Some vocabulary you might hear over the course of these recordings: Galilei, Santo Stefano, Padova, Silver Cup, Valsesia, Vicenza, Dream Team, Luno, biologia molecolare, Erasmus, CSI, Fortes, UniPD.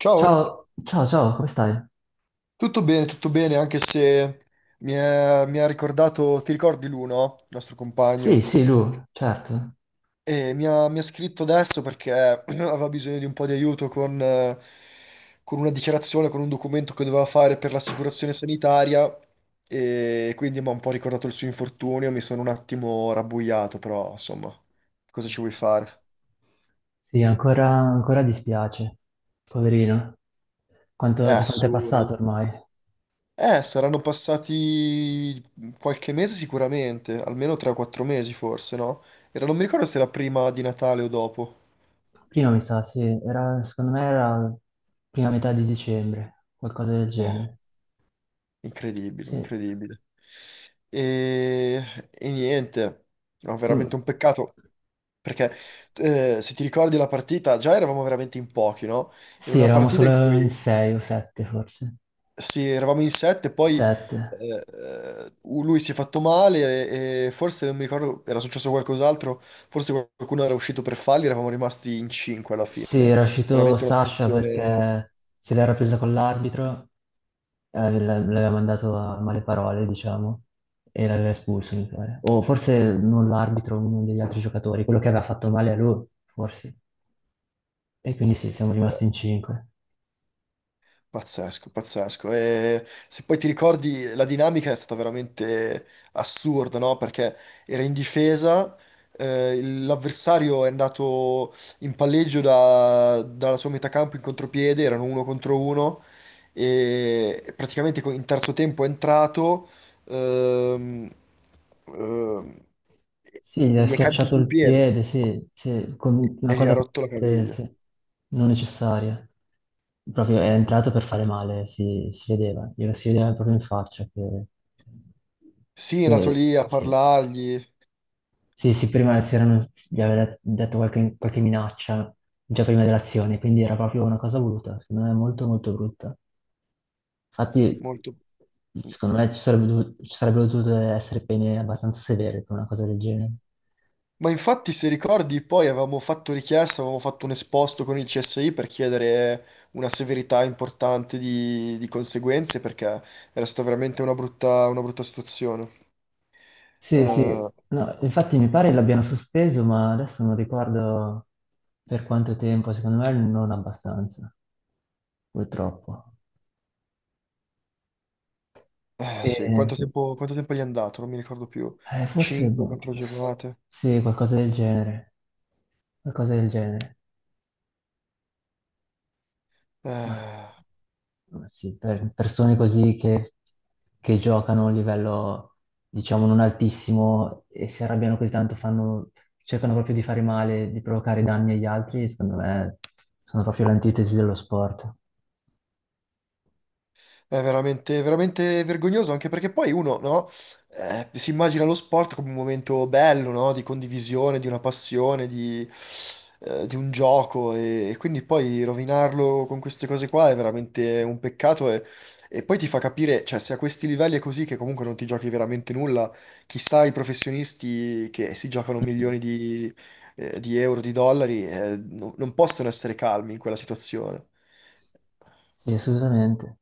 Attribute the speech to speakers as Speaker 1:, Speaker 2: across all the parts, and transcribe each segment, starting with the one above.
Speaker 1: Ciao,
Speaker 2: Ciao, ciao, ciao, come stai?
Speaker 1: tutto bene, anche se mi ha ricordato, ti ricordi Luno, il nostro
Speaker 2: Sì,
Speaker 1: compagno?
Speaker 2: sì, Lu, certo.
Speaker 1: E mi ha scritto adesso perché aveva bisogno di un po' di aiuto con una dichiarazione, con un documento che doveva fare per l'assicurazione sanitaria e quindi mi ha un po' ricordato il suo infortunio, mi sono un attimo rabbuiato, però insomma, cosa ci vuoi fare?
Speaker 2: Sì, ancora dispiace, poverino. Quanto,
Speaker 1: È
Speaker 2: quanto è passato
Speaker 1: assurdo.
Speaker 2: ormai?
Speaker 1: Saranno passati qualche mese sicuramente, almeno 3-4 mesi forse, no? Era, non mi ricordo se era prima di Natale o dopo.
Speaker 2: Prima mi sa, sì, era, secondo me era prima metà di dicembre, qualcosa del
Speaker 1: Eh,
Speaker 2: genere.
Speaker 1: Incredibile,
Speaker 2: Sì.
Speaker 1: incredibile. E, e niente, no, veramente
Speaker 2: Mm.
Speaker 1: un peccato. Perché se ti ricordi la partita, già eravamo veramente in pochi, no? Era
Speaker 2: Sì,
Speaker 1: una
Speaker 2: eravamo
Speaker 1: partita in
Speaker 2: solo in
Speaker 1: cui.
Speaker 2: sei o sette forse.
Speaker 1: Sì, eravamo in sette, poi
Speaker 2: Sette.
Speaker 1: lui si è fatto male e forse non mi ricordo, era successo qualcos'altro, forse qualcuno era uscito per falli, eravamo rimasti in cinque alla
Speaker 2: Sì,
Speaker 1: fine.
Speaker 2: era uscito
Speaker 1: Veramente una
Speaker 2: Sasha
Speaker 1: situazione...
Speaker 2: perché se l'era presa con l'arbitro, l'aveva mandato a male parole, diciamo, e l'aveva espulso, mi pare. O forse non l'arbitro, uno degli altri giocatori, quello che aveva fatto male a lui, forse. E quindi sì, siamo
Speaker 1: Eh,
Speaker 2: rimasti in
Speaker 1: sì.
Speaker 2: cinque.
Speaker 1: Pazzesco, pazzesco. E se poi ti ricordi, la dinamica è stata veramente assurda, no? Perché era in difesa, l'avversario è andato in palleggio dalla sua metà campo in contropiede, erano uno contro uno, e praticamente in terzo tempo è entrato, ehm, ehm,
Speaker 2: Sì, gli
Speaker 1: e
Speaker 2: ha
Speaker 1: gli è caduto
Speaker 2: schiacciato
Speaker 1: sul
Speaker 2: il
Speaker 1: piede
Speaker 2: piede, sì, sì, con una
Speaker 1: e gli ha
Speaker 2: cosa
Speaker 1: rotto la caviglia.
Speaker 2: sì, non necessaria. Proprio è entrato per fare male, si vedeva, glielo si vedeva proprio in faccia che,
Speaker 1: Sì, è andato
Speaker 2: che
Speaker 1: lì a
Speaker 2: sì.
Speaker 1: parlargli,
Speaker 2: Sì, sì, prima gli aveva detto qualche minaccia già prima dell'azione, quindi era proprio una cosa voluta, secondo me molto molto brutta. Infatti,
Speaker 1: molto...
Speaker 2: secondo me ci sarebbero dovute essere pene abbastanza severe per una cosa del genere.
Speaker 1: Ma infatti, se ricordi, poi avevamo fatto richiesta, avevamo fatto un esposto con il CSI per chiedere una severità importante di conseguenze, perché era stata veramente una brutta situazione.
Speaker 2: Sì, sì,
Speaker 1: Eh,
Speaker 2: no, infatti mi pare l'abbiano sospeso, ma adesso non ricordo per quanto tempo, secondo me non abbastanza, purtroppo.
Speaker 1: eh,
Speaker 2: E,
Speaker 1: sì,
Speaker 2: sì.
Speaker 1: quanto tempo gli è andato? Non mi ricordo più.
Speaker 2: Forse,
Speaker 1: 5,
Speaker 2: boh,
Speaker 1: 4 giornate.
Speaker 2: sì, qualcosa del genere, qualcosa del genere. Ma
Speaker 1: Eh.
Speaker 2: ma sì, per persone così che giocano a un livello, diciamo, non altissimo e si arrabbiano così tanto, cercano proprio di fare male, di provocare danni agli altri, secondo me sono proprio l'antitesi dello sport.
Speaker 1: È veramente, veramente vergognoso, anche perché poi uno, no, si immagina lo sport come un momento bello, no, di condivisione, di una passione, di un gioco, e quindi poi rovinarlo con queste cose qua è veramente un peccato e poi ti fa capire, cioè, se a questi livelli è così che comunque non ti giochi veramente nulla, chissà i professionisti che si giocano milioni di euro, di dollari, non possono essere calmi in quella situazione.
Speaker 2: Sì, assolutamente.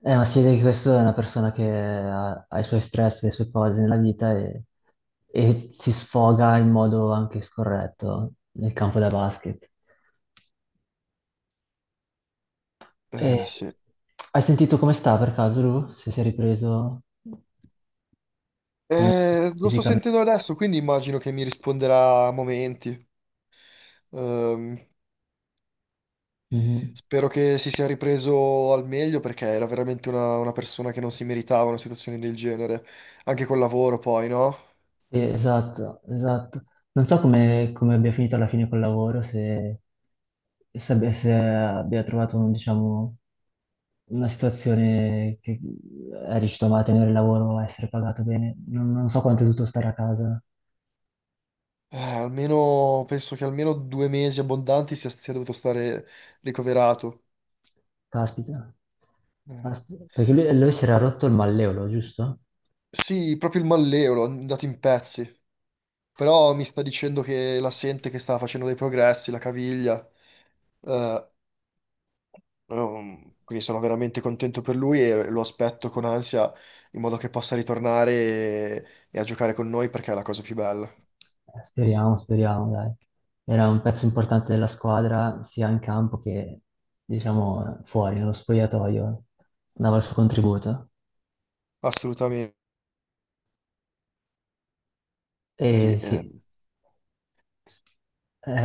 Speaker 2: Ma si vede che questa è una persona che ha i suoi stress, le sue cose nella vita e si sfoga in modo anche scorretto nel campo da basket. E-
Speaker 1: Sì.
Speaker 2: Hai sentito come sta per caso lui? Se si è ripreso come
Speaker 1: Lo sto
Speaker 2: fisicamente?
Speaker 1: sentendo adesso, quindi immagino che mi risponderà a momenti. Ehm,
Speaker 2: Mhm.
Speaker 1: Spero che si sia ripreso al meglio perché era veramente una persona che non si meritava una situazione del genere, anche col lavoro poi, no?
Speaker 2: Sì, esatto, esatto. Non so come abbia finito alla fine col lavoro, se abbia trovato, diciamo, una situazione che è riuscito a mantenere il lavoro, a essere pagato bene. Non so quanto è dovuto stare a casa.
Speaker 1: Almeno, penso che almeno 2 mesi abbondanti sia dovuto stare ricoverato.
Speaker 2: Caspita.
Speaker 1: Mm.
Speaker 2: Caspita. Perché lui si era rotto il malleolo, giusto?
Speaker 1: Sì, proprio il malleolo, è andato in pezzi, però mi sta dicendo che la sente che sta facendo dei progressi, la caviglia. Eh, quindi sono veramente contento per lui e lo aspetto con ansia in modo che possa ritornare e a giocare con noi perché è la cosa più bella.
Speaker 2: Speriamo, speriamo, dai. Era un pezzo importante della squadra, sia in campo che, diciamo, fuori, nello spogliatoio. Dava il suo contributo.
Speaker 1: Assolutamente. Sì.
Speaker 2: E sì.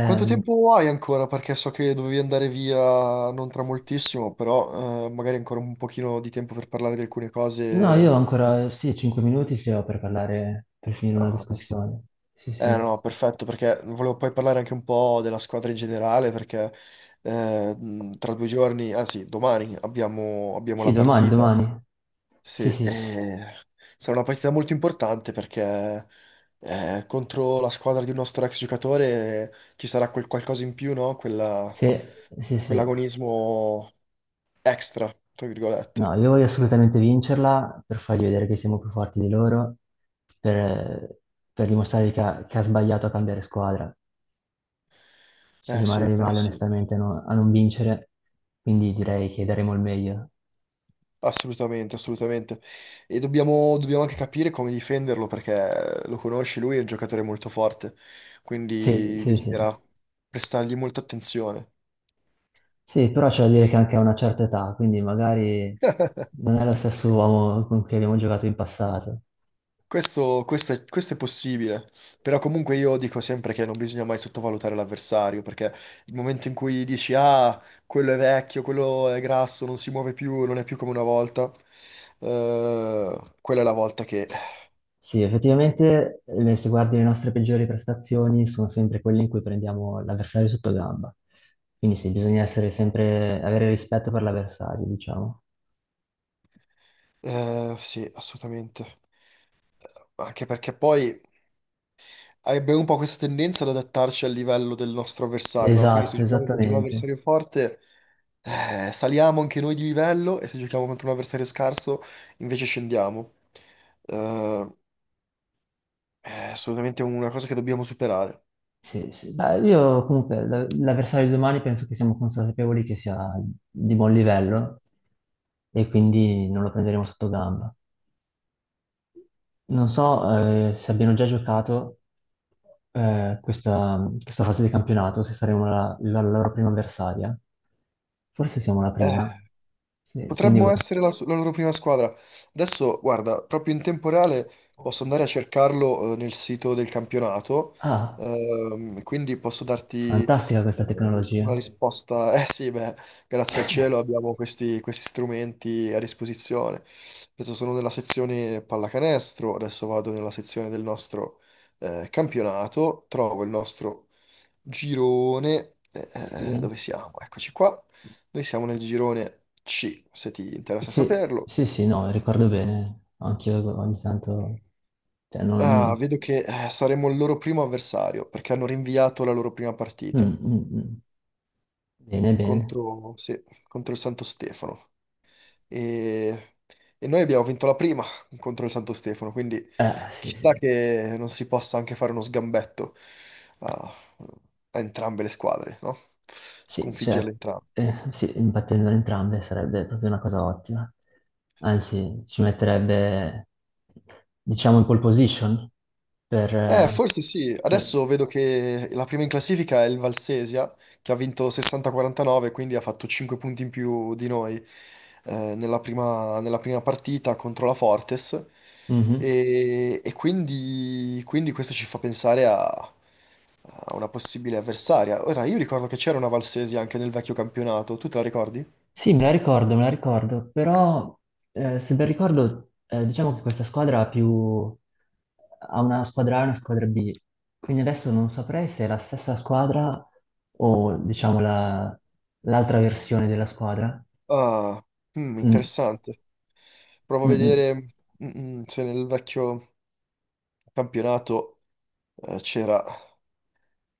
Speaker 1: Quanto tempo hai ancora? Perché so che dovevi andare via non tra moltissimo, però magari ancora un pochino di tempo per parlare di alcune
Speaker 2: no, io ho
Speaker 1: cose.
Speaker 2: ancora, sì, 5 minuti ce l'ho per parlare, per finire una
Speaker 1: Ah, per-
Speaker 2: discussione. Sì,
Speaker 1: Eh
Speaker 2: sì.
Speaker 1: no, perfetto, perché volevo poi parlare anche un po' della squadra in generale, perché tra 2 giorni, anzi domani, abbiamo
Speaker 2: Sì,
Speaker 1: la
Speaker 2: domani,
Speaker 1: partita.
Speaker 2: domani.
Speaker 1: Sì,
Speaker 2: Sì, sì.
Speaker 1: sarà una partita molto importante perché contro la squadra di un nostro ex giocatore ci sarà quel qualcosa in più, no?
Speaker 2: Sì, sì, sì.
Speaker 1: Quell'agonismo extra, tra
Speaker 2: No,
Speaker 1: virgolette.
Speaker 2: io voglio assolutamente vincerla per fargli vedere che siamo più forti di loro, per, per dimostrare che ha sbagliato a cambiare squadra. Ci
Speaker 1: Sì,
Speaker 2: rimarrei
Speaker 1: eh
Speaker 2: male
Speaker 1: sì,
Speaker 2: onestamente a non vincere, quindi direi che daremo il meglio.
Speaker 1: assolutamente, assolutamente. E dobbiamo anche capire come difenderlo perché lo conosci, lui è un giocatore molto forte,
Speaker 2: Sì,
Speaker 1: quindi
Speaker 2: sì, sì.
Speaker 1: bisognerà prestargli molta attenzione.
Speaker 2: Sì, però c'è da dire che anche a una certa età, quindi magari non è lo stesso uomo con cui abbiamo giocato in passato.
Speaker 1: Questo è possibile, però comunque io dico sempre che non bisogna mai sottovalutare l'avversario, perché il momento in cui dici ah, quello è vecchio, quello è grasso, non si muove più, non è più come una volta, quella è la volta che...
Speaker 2: Sì, effettivamente, se guardi le nostre peggiori prestazioni, sono sempre quelle in cui prendiamo l'avversario sotto gamba. Quindi sì, bisogna essere sempre, avere rispetto per l'avversario, diciamo.
Speaker 1: Eh, sì, assolutamente. Anche perché poi abbiamo un po' questa tendenza ad adattarci al livello del nostro avversario, no? Quindi se
Speaker 2: Esatto,
Speaker 1: giochiamo contro un
Speaker 2: esattamente.
Speaker 1: avversario forte, saliamo anche noi di livello e se giochiamo contro un avversario scarso, invece scendiamo. Eh, è assolutamente una cosa che dobbiamo superare.
Speaker 2: Sì, sì. Beh, io comunque l'avversario di domani penso che siamo consapevoli che sia di buon livello e quindi non lo prenderemo sotto gamba. Non so, se abbiano già giocato questa fase di campionato, se saremo la loro prima avversaria. Forse siamo la
Speaker 1: Eh.
Speaker 2: prima. Sì, quindi.
Speaker 1: Potremmo essere la loro prima squadra. Adesso, guarda, proprio in tempo reale posso andare a cercarlo nel sito del campionato,
Speaker 2: Ah,
Speaker 1: quindi posso darti
Speaker 2: fantastica questa tecnologia.
Speaker 1: una risposta. Eh sì, beh, grazie al cielo abbiamo questi strumenti a disposizione. Adesso sono nella sezione pallacanestro, adesso vado nella sezione del nostro campionato, trovo il nostro girone.
Speaker 2: Sì,
Speaker 1: Dove siamo? Eccoci qua. Noi siamo nel girone C, se ti interessa
Speaker 2: sì,
Speaker 1: saperlo.
Speaker 2: sì, sì, no, ricordo bene. Anch'io ogni tanto. Cioè,
Speaker 1: Ah,
Speaker 2: non.
Speaker 1: vedo che saremo il loro primo avversario, perché hanno rinviato la loro prima
Speaker 2: Mm,
Speaker 1: partita
Speaker 2: mm, mm. Bene, bene.
Speaker 1: sì, contro il Santo Stefano. E, e noi abbiamo vinto la prima contro il Santo Stefano, quindi
Speaker 2: Sì,
Speaker 1: chissà
Speaker 2: sì.
Speaker 1: che non si possa anche fare uno sgambetto a, a entrambe le squadre, no?
Speaker 2: Sì,
Speaker 1: Sconfiggerle
Speaker 2: certo,
Speaker 1: entrambe.
Speaker 2: sì, imbattendole entrambe sarebbe proprio una cosa ottima. Anzi, ci metterebbe, diciamo, in pole position. per... eh,
Speaker 1: Forse sì.
Speaker 2: sì,
Speaker 1: Adesso vedo che la prima in classifica è il Valsesia, che ha vinto 60-49, quindi ha fatto 5 punti in più di noi nella nella prima partita contro la Fortes.
Speaker 2: mhm.
Speaker 1: Quindi questo ci fa pensare a una possibile avversaria. Ora, io ricordo che c'era una Valsesia anche nel vecchio campionato. Tu te la ricordi?
Speaker 2: Sì, me la ricordo, però se ben ricordo, diciamo che questa squadra ha una squadra A e una squadra B, quindi adesso non saprei se è la stessa squadra o, diciamo, l'altra versione della squadra.
Speaker 1: Ah,
Speaker 2: Mm,
Speaker 1: interessante. Provo a
Speaker 2: mm, mm.
Speaker 1: vedere mm, se nel vecchio campionato c'era.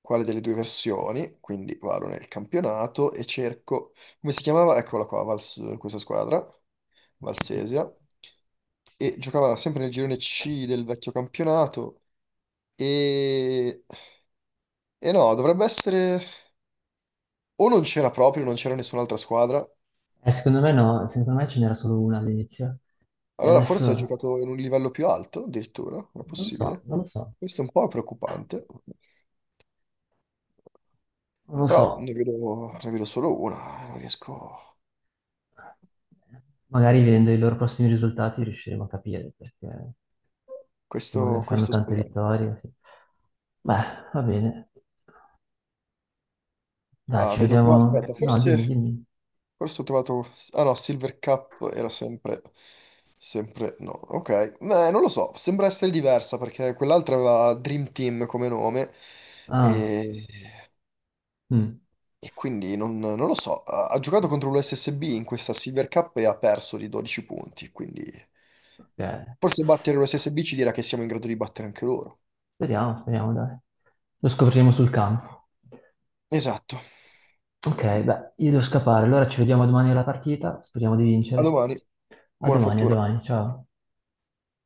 Speaker 1: Quale delle due versioni, quindi vado nel campionato e cerco, come si chiamava? Eccola qua, questa squadra,
Speaker 2: Sì.
Speaker 1: Valsesia, e giocava sempre nel girone C del vecchio campionato e, e no, dovrebbe essere o non c'era proprio, non c'era nessun'altra squadra,
Speaker 2: Secondo me no, secondo me ce n'era solo una all'inizio. E
Speaker 1: allora forse ha
Speaker 2: adesso
Speaker 1: giocato in un livello più alto addirittura, è
Speaker 2: non lo so,
Speaker 1: possibile.
Speaker 2: non lo so,
Speaker 1: Questo è un po' preoccupante,
Speaker 2: non lo so.
Speaker 1: però ne vedo solo una, non riesco...
Speaker 2: Magari vedendo i loro prossimi risultati riusciremo a capire perché se
Speaker 1: Questo,
Speaker 2: magari fanno
Speaker 1: questo
Speaker 2: tante
Speaker 1: speriamo.
Speaker 2: vittorie. Sì. Beh, va bene. Dai,
Speaker 1: Ah,
Speaker 2: ci
Speaker 1: vedo qua,
Speaker 2: vediamo.
Speaker 1: aspetta,
Speaker 2: No, dimmi, dimmi.
Speaker 1: forse ho trovato... Ah no, Silver Cup era sempre... Sempre... No, ok. Non lo so, sembra essere diversa perché quell'altra aveva Dream Team come nome
Speaker 2: Ah,
Speaker 1: e,
Speaker 2: mm,
Speaker 1: e quindi non lo so. Ha giocato
Speaker 2: vabbè,
Speaker 1: contro l'USSB in questa Silver Cup e ha perso di 12 punti, quindi
Speaker 2: ok.
Speaker 1: forse battere l'USSB ci dirà che siamo in grado di battere anche loro.
Speaker 2: Speriamo, speriamo, dai. Lo scopriremo sul campo.
Speaker 1: Esatto.
Speaker 2: Ok, beh, io devo scappare, allora ci vediamo domani alla partita, speriamo di
Speaker 1: A
Speaker 2: vincere.
Speaker 1: domani. Buona
Speaker 2: A
Speaker 1: fortuna.
Speaker 2: domani, ciao.